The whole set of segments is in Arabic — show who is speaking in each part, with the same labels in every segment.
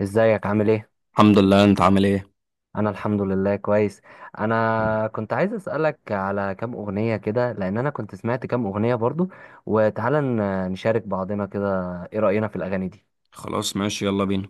Speaker 1: ازيك؟ عامل ايه؟
Speaker 2: الحمد لله، انت عامل ايه؟
Speaker 1: انا الحمد لله كويس. انا كنت عايز اسالك على كام اغنيه كده، لان انا كنت سمعت كام اغنيه برضو، وتعالى نشارك بعضنا كده. ايه راينا في الاغاني دي؟
Speaker 2: خلاص، ماشي، يلا بينا.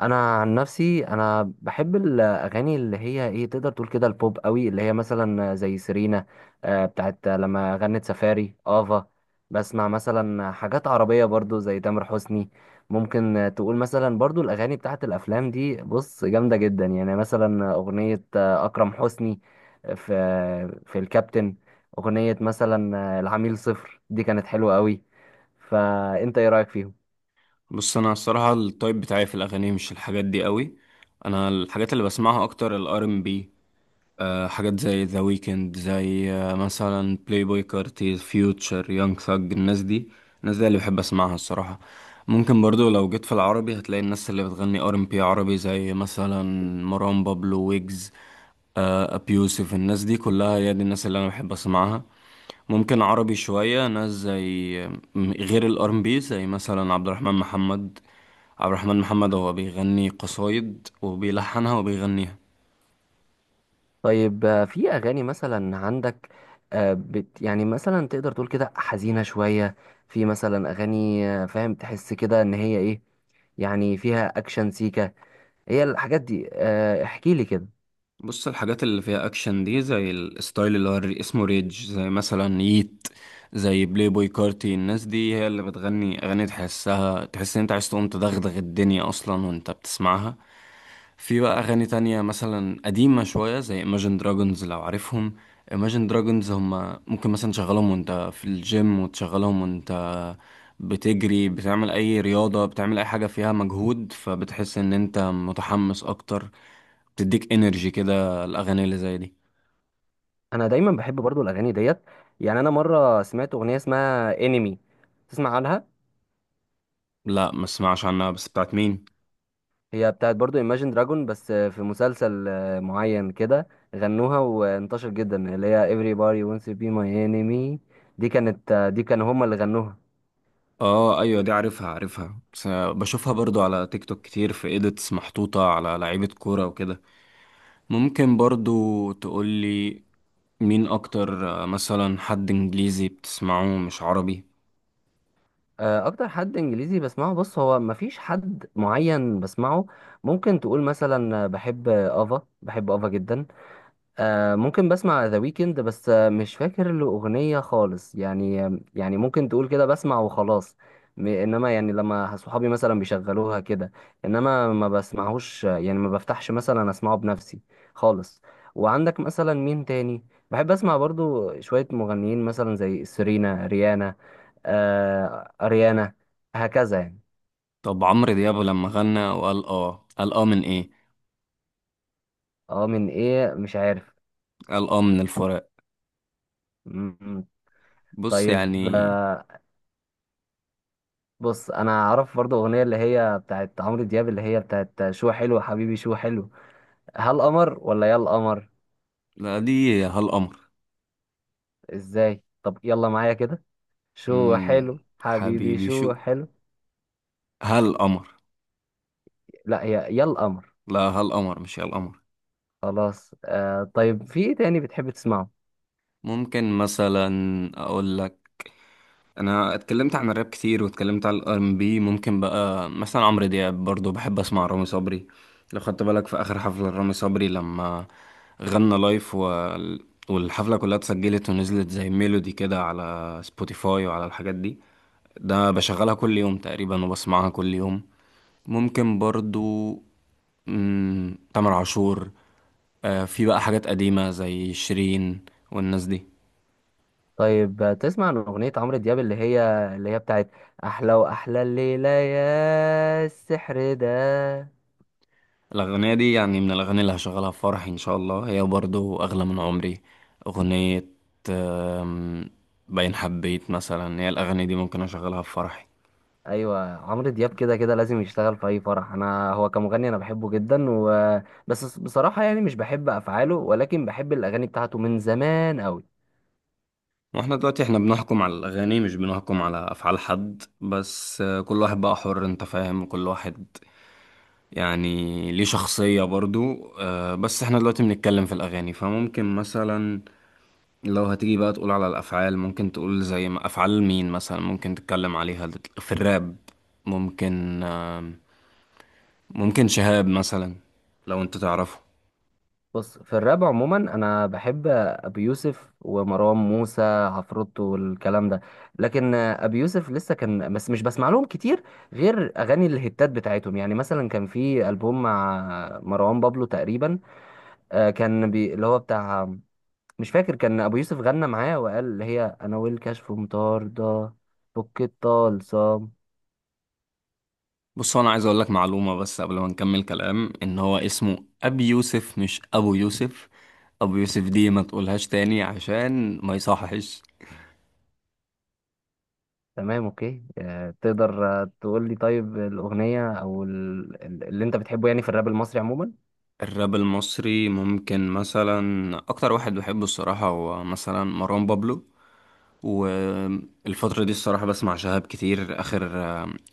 Speaker 1: انا عن نفسي، انا بحب الاغاني اللي هي ايه، تقدر تقول كده البوب قوي، اللي هي مثلا زي سيرينا، بتاعت لما غنت سفاري افا. بسمع مثلا حاجات عربية برضو زي تامر حسني. ممكن تقول مثلا برضو الاغاني بتاعت الافلام دي بص جامدة جدا، يعني مثلا اغنية اكرم حسني، في الكابتن. اغنية مثلا العميل صفر دي كانت حلوة قوي. فانت ايه رأيك فيهم؟
Speaker 2: بص، انا الصراحه التايب بتاعي في الاغاني مش الحاجات دي قوي. انا الحاجات اللي بسمعها اكتر الار ام بي. حاجات زي ذا ويكند، زي مثلا بلاي بوي كارتي، فيوتشر، يونج ثج، الناس دي اللي بحب اسمعها الصراحه. ممكن برضو لو جيت في العربي هتلاقي الناس اللي بتغني ار ام بي عربي، زي مثلا مروان بابلو، ويجز، ابيوسف. الناس دي كلها هي دي الناس اللي انا بحب اسمعها. ممكن عربي شوية ناس زي غير الار ام بي، زي مثلا عبد الرحمن محمد. عبد الرحمن محمد هو بيغني قصايد وبيلحنها وبيغنيها.
Speaker 1: طيب، في اغاني مثلا عندك يعني مثلا تقدر تقول كده حزينه شويه؟ في مثلا اغاني فاهم، تحس كده ان هي ايه، يعني فيها اكشن سيكا. هي الحاجات دي، احكي لي كده.
Speaker 2: بص، الحاجات اللي فيها اكشن دي زي الستايل اللي هو اسمه ريج، زي مثلا ييت، زي بلاي بوي كارتي. الناس دي هي اللي بتغني اغاني تحسها، تحس ان انت عايز تقوم تدغدغ الدنيا اصلا وانت بتسمعها. في بقى اغاني تانية مثلا قديمة شوية زي Imagine Dragons لو عارفهم. Imagine Dragons هما ممكن مثلا تشغلهم وانت في الجيم، وتشغلهم وانت بتجري، بتعمل اي رياضة، بتعمل اي حاجة فيها مجهود، فبتحس ان انت متحمس اكتر. بتديك انرجي كده، الأغاني اللي زي دي.
Speaker 1: انا دايما بحب برضو الاغاني ديت. يعني انا مره سمعت اغنيه اسمها انمي، تسمع عنها؟
Speaker 2: لا، ما اسمعش عنها، بس بتاعت مين؟
Speaker 1: هي بتاعت برضو Imagine دراجون، بس في مسلسل معين كده غنوها وانتشر جدا، اللي هي everybody wants to be my enemy. دي كانت آه، دي كانوا هما اللي غنوها.
Speaker 2: اه، ايوه، دي عارفها عارفها، بس بشوفها برضو على تيك توك كتير في ايديتس محطوطة على لعيبة كورة وكده. ممكن برضو تقولي مين اكتر مثلا حد انجليزي بتسمعه مش عربي؟
Speaker 1: اكتر حد انجليزي بسمعه، بص، هو مفيش حد معين بسمعه. ممكن تقول مثلا بحب افا، بحب افا جدا. ممكن بسمع ذا ويكند، بس مش فاكر له أغنية خالص، يعني يعني ممكن تقول كده بسمع وخلاص. انما يعني لما صحابي مثلا بيشغلوها كده، انما ما بسمعهوش، يعني ما بفتحش مثلا اسمعه بنفسي خالص. وعندك مثلا مين تاني؟ بحب اسمع برضو شوية مغنيين مثلا زي سيرينا ريانا، اريانا، هكذا يعني.
Speaker 2: طب عمرو دياب لما غنى وقال اه، قال اه من ايه؟
Speaker 1: اه، من ايه؟ مش عارف.
Speaker 2: قال اه من الفراق.
Speaker 1: م- م.
Speaker 2: بص
Speaker 1: طيب،
Speaker 2: يعني.
Speaker 1: بص، انا اعرف برضو اغنيه اللي هي بتاعت عمرو دياب، اللي هي بتاعت شو حلو حبيبي شو حلو. هل قمر ولا يا القمر؟
Speaker 2: لا، دي هالقمر.
Speaker 1: ازاي؟ طب يلا معايا كده: شو حلو حبيبي
Speaker 2: حبيبي شو،
Speaker 1: شو حلو.
Speaker 2: هالقمر.
Speaker 1: لا، هي يا القمر.
Speaker 2: لا، هالقمر مش هالقمر.
Speaker 1: خلاص، طيب. في ايه تاني بتحب تسمعه؟
Speaker 2: ممكن مثلا اقول لك. انا اتكلمت عن الراب كتير واتكلمت عن الار ام بي. ممكن بقى مثلا عمرو دياب، برضو بحب اسمع رامي صبري. لو خدت بالك في اخر حفلة رامي صبري لما غنى لايف والحفلة كلها اتسجلت ونزلت زي ميلودي كده على سبوتيفاي وعلى الحاجات دي. ده بشغلها كل يوم تقريبا وبسمعها كل يوم. ممكن برضو، تامر عاشور. في بقى حاجات قديمة زي شيرين والناس دي.
Speaker 1: طيب، تسمع عن اغنيه عمرو دياب اللي هي بتاعت احلى واحلى الليله يا السحر ده؟
Speaker 2: الأغنية دي يعني من الأغاني اللي هشغلها في فرحي إن شاء الله، هي برضو أغلى من عمري، أغنية آم، باين حبيت مثلا. هي الأغاني دي ممكن أشغلها في فرحي.
Speaker 1: ايوه، عمرو دياب كده كده لازم يشتغل في اي فرح. انا هو كمغني انا بحبه جدا، بس بصراحه يعني مش بحب افعاله، ولكن بحب الاغاني بتاعته من زمان قوي.
Speaker 2: واحنا دلوقتي احنا بنحكم على الأغاني، مش بنحكم على أفعال حد. بس كل واحد بقى حر، انت فاهم، كل واحد يعني ليه شخصية برضو. بس احنا دلوقتي بنتكلم في الأغاني، فممكن مثلا لو هتيجي بقى تقول على الأفعال، ممكن تقول زي ما أفعال مين مثلا ممكن تتكلم عليها في الراب. ممكن آم، ممكن شهاب مثلا، لو انت تعرفه.
Speaker 1: بص، في الراب عموما انا بحب ابي يوسف ومروان موسى عفروتو والكلام ده. لكن ابي يوسف لسه كان، بس مش بسمع لهم كتير غير اغاني الهتات بتاعتهم، يعني مثلا كان في البوم مع مروان بابلو تقريبا، كان اللي هو بتاع، مش فاكر. كان ابو يوسف غنى معاه وقال اللي هي انا والكشف مطاردة، فك الطلسم.
Speaker 2: بص، هو انا عايز اقول لك معلومة بس قبل ما نكمل كلام، ان هو اسمه ابي يوسف، مش ابو يوسف. ابو يوسف دي ما تقولهاش تاني عشان ما يصحش.
Speaker 1: تمام، اوكي. تقدر تقول لي طيب الاغنيه او اللي انت بتحبه يعني في الراب المصري عموما؟
Speaker 2: الراب المصري، ممكن مثلا اكتر واحد بحبه الصراحة هو مثلا مروان بابلو. والفترة دي الصراحة بسمع شهاب كتير. آخر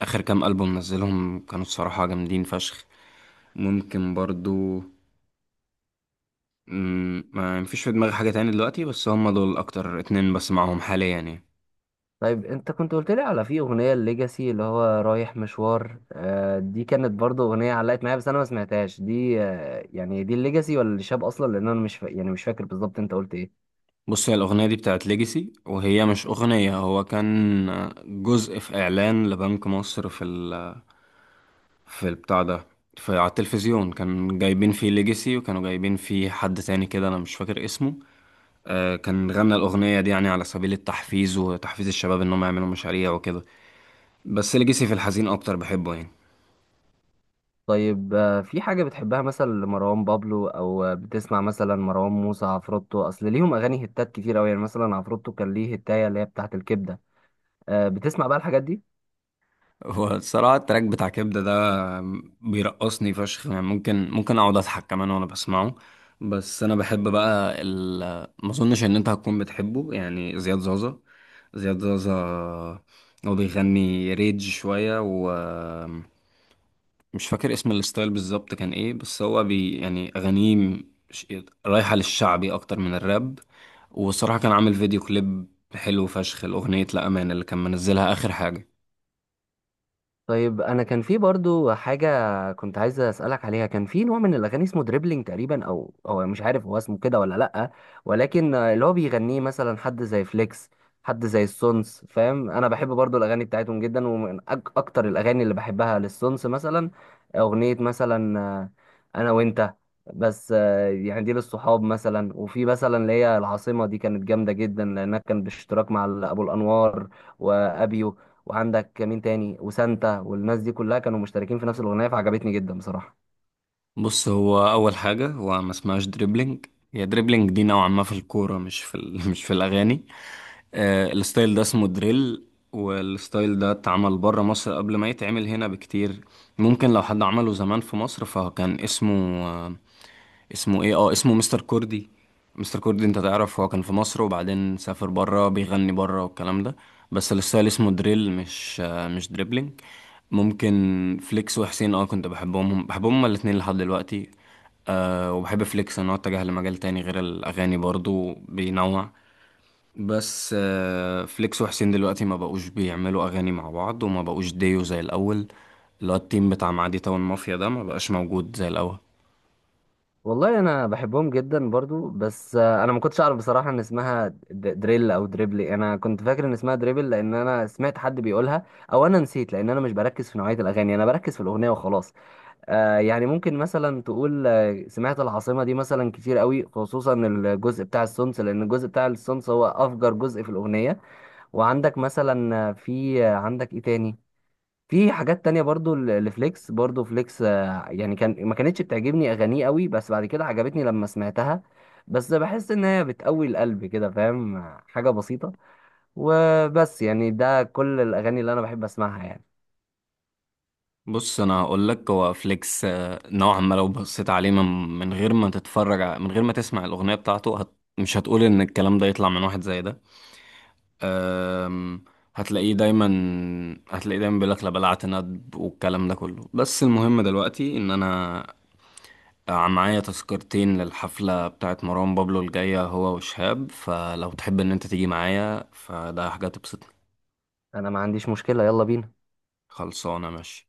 Speaker 2: آخر كام ألبوم نزلهم كانوا الصراحة جامدين فشخ. ممكن برضو ما مفيش في دماغي حاجة تاني دلوقتي، بس هم دول أكتر اتنين بسمعهم حاليا يعني.
Speaker 1: طيب، انت كنت قلت لي على في اغنيه الليجاسي اللي هو رايح مشوار. دي كانت برضو اغنيه علقت معايا، بس انا ما سمعتهاش دي. يعني دي الليجاسي ولا الشاب اصلا؟ لان انا مش يعني مش فاكر بالظبط انت قلت ايه.
Speaker 2: بص، هي الأغنية دي بتاعت ليجاسي، وهي مش أغنية، هو كان جزء في إعلان لبنك مصر في البتاع ده، في على التلفزيون. كان جايبين فيه ليجاسي وكانوا جايبين فيه حد تاني كده، أنا مش فاكر اسمه. كان غنى الأغنية دي يعني على سبيل التحفيز وتحفيز الشباب إنهم يعملوا مشاريع وكده. بس ليجاسي في الحزين أكتر بحبه يعني.
Speaker 1: طيب، في حاجة بتحبها مثلا لمروان بابلو، أو بتسمع مثلا مروان موسى عفروتو؟ أصل ليهم أغاني هتات كتير أوي، يعني مثلا عفروتو كان ليه هتاية اللي هي بتاعة الكبدة. بتسمع بقى الحاجات دي؟
Speaker 2: هو الصراحة التراك بتاع كبدة ده بيرقصني فشخ يعني، ممكن أقعد أضحك كمان وأنا بسمعه. بس أنا بحب بقى ما أظنش إن أنت هتكون بتحبه، يعني زياد زازا. زياد زازا هو بيغني ريج شوية، مش فاكر اسم الستايل بالظبط كان ايه، بس هو يعني اغانيه ش- رايحة للشعبي اكتر من الراب. والصراحة كان عامل فيديو كليب حلو فشخ، الاغنية لا امان اللي كان منزلها اخر حاجة.
Speaker 1: طيب، انا كان في برضو حاجه كنت عايز اسالك عليها. كان في نوع من الاغاني اسمه دريبلينج تقريبا، او مش عارف هو اسمه كده ولا لا، ولكن اللي هو بيغنيه مثلا حد زي فليكس، حد زي السونس. فاهم؟ انا بحب برضو الاغاني بتاعتهم جدا، ومن اكتر الاغاني اللي بحبها للسونس مثلا اغنيه، مثلا انا وانت، بس يعني دي للصحاب مثلا. وفي مثلا اللي هي العاصمه، دي كانت جامده جدا لانها كان باشتراك مع ابو الانوار وابيو وعندك مين تاني وسانتا، والناس دي كلها كانوا مشتركين في نفس الاغنيه، فعجبتني جدا بصراحه.
Speaker 2: بص، هو اول حاجه، هو ما اسمهاش دريبلينج. هي دريبلينج دي نوعا ما في الكوره، مش مش في الاغاني. الستايل ده اسمه دريل. والستايل ده اتعمل بره مصر قبل ما يتعمل هنا بكتير. ممكن لو حد عمله زمان في مصر فكان اسمه آه اسمه ايه؟ اه اسمه مستر كوردي. مستر كوردي، انت تعرف، هو كان في مصر وبعدين سافر بره بيغني بره والكلام ده. بس الستايل اسمه دريل، مش مش دريبلينج. ممكن فليكس وحسين، كنت بحبهم، هم بحبهم هما الاتنين لحد دلوقتي. وبحب فليكس ان هو اتجه لمجال تاني غير الاغاني برضو بينوع. بس فليكس وحسين دلوقتي ما بقوش بيعملوا اغاني مع بعض وما بقوش ديو زي الاول. اللي هو التيم بتاع معادي تاون مافيا ده ما بقاش موجود زي الاول.
Speaker 1: والله، انا بحبهم جدا برضو، بس انا ما كنتش اعرف بصراحه ان اسمها دريل او دريبلي. انا كنت فاكر ان اسمها دريبل لان انا سمعت حد بيقولها، او انا نسيت لان انا مش بركز في نوعيه الاغاني، انا بركز في الاغنيه وخلاص. يعني ممكن مثلا تقول سمعت العاصمه دي مثلا كتير قوي، خصوصا الجزء بتاع السونس، لان الجزء بتاع السونس هو افجر جزء في الاغنيه. وعندك مثلا في عندك ايه تاني؟ في حاجات تانية برضو لفليكس. برضو فليكس يعني كان ما كانتش بتعجبني أغانيه قوي، بس بعد كده عجبتني لما سمعتها، بس بحس إن هي بتقوي القلب كده. فاهم؟ حاجة بسيطة، وبس. يعني ده كل الأغاني اللي أنا بحب أسمعها يعني.
Speaker 2: بص، انا هقول لك هو فليكس نوعا ما لو بصيت عليه من غير ما تتفرج من غير ما تسمع الاغنيه بتاعته، مش هتقول ان الكلام ده يطلع من واحد زي ده. أم، هتلاقيه دايما هتلاقيه دايما بيقولك لا بلعت ندب والكلام ده كله. بس المهم دلوقتي ان انا معايا تذكرتين للحفلة بتاعت مروان بابلو الجاية، هو وشهاب، فلو تحب ان انت تيجي معايا فده حاجة تبسطني.
Speaker 1: أنا ما عنديش مشكلة، يلا بينا.
Speaker 2: خلصانة، ماشي.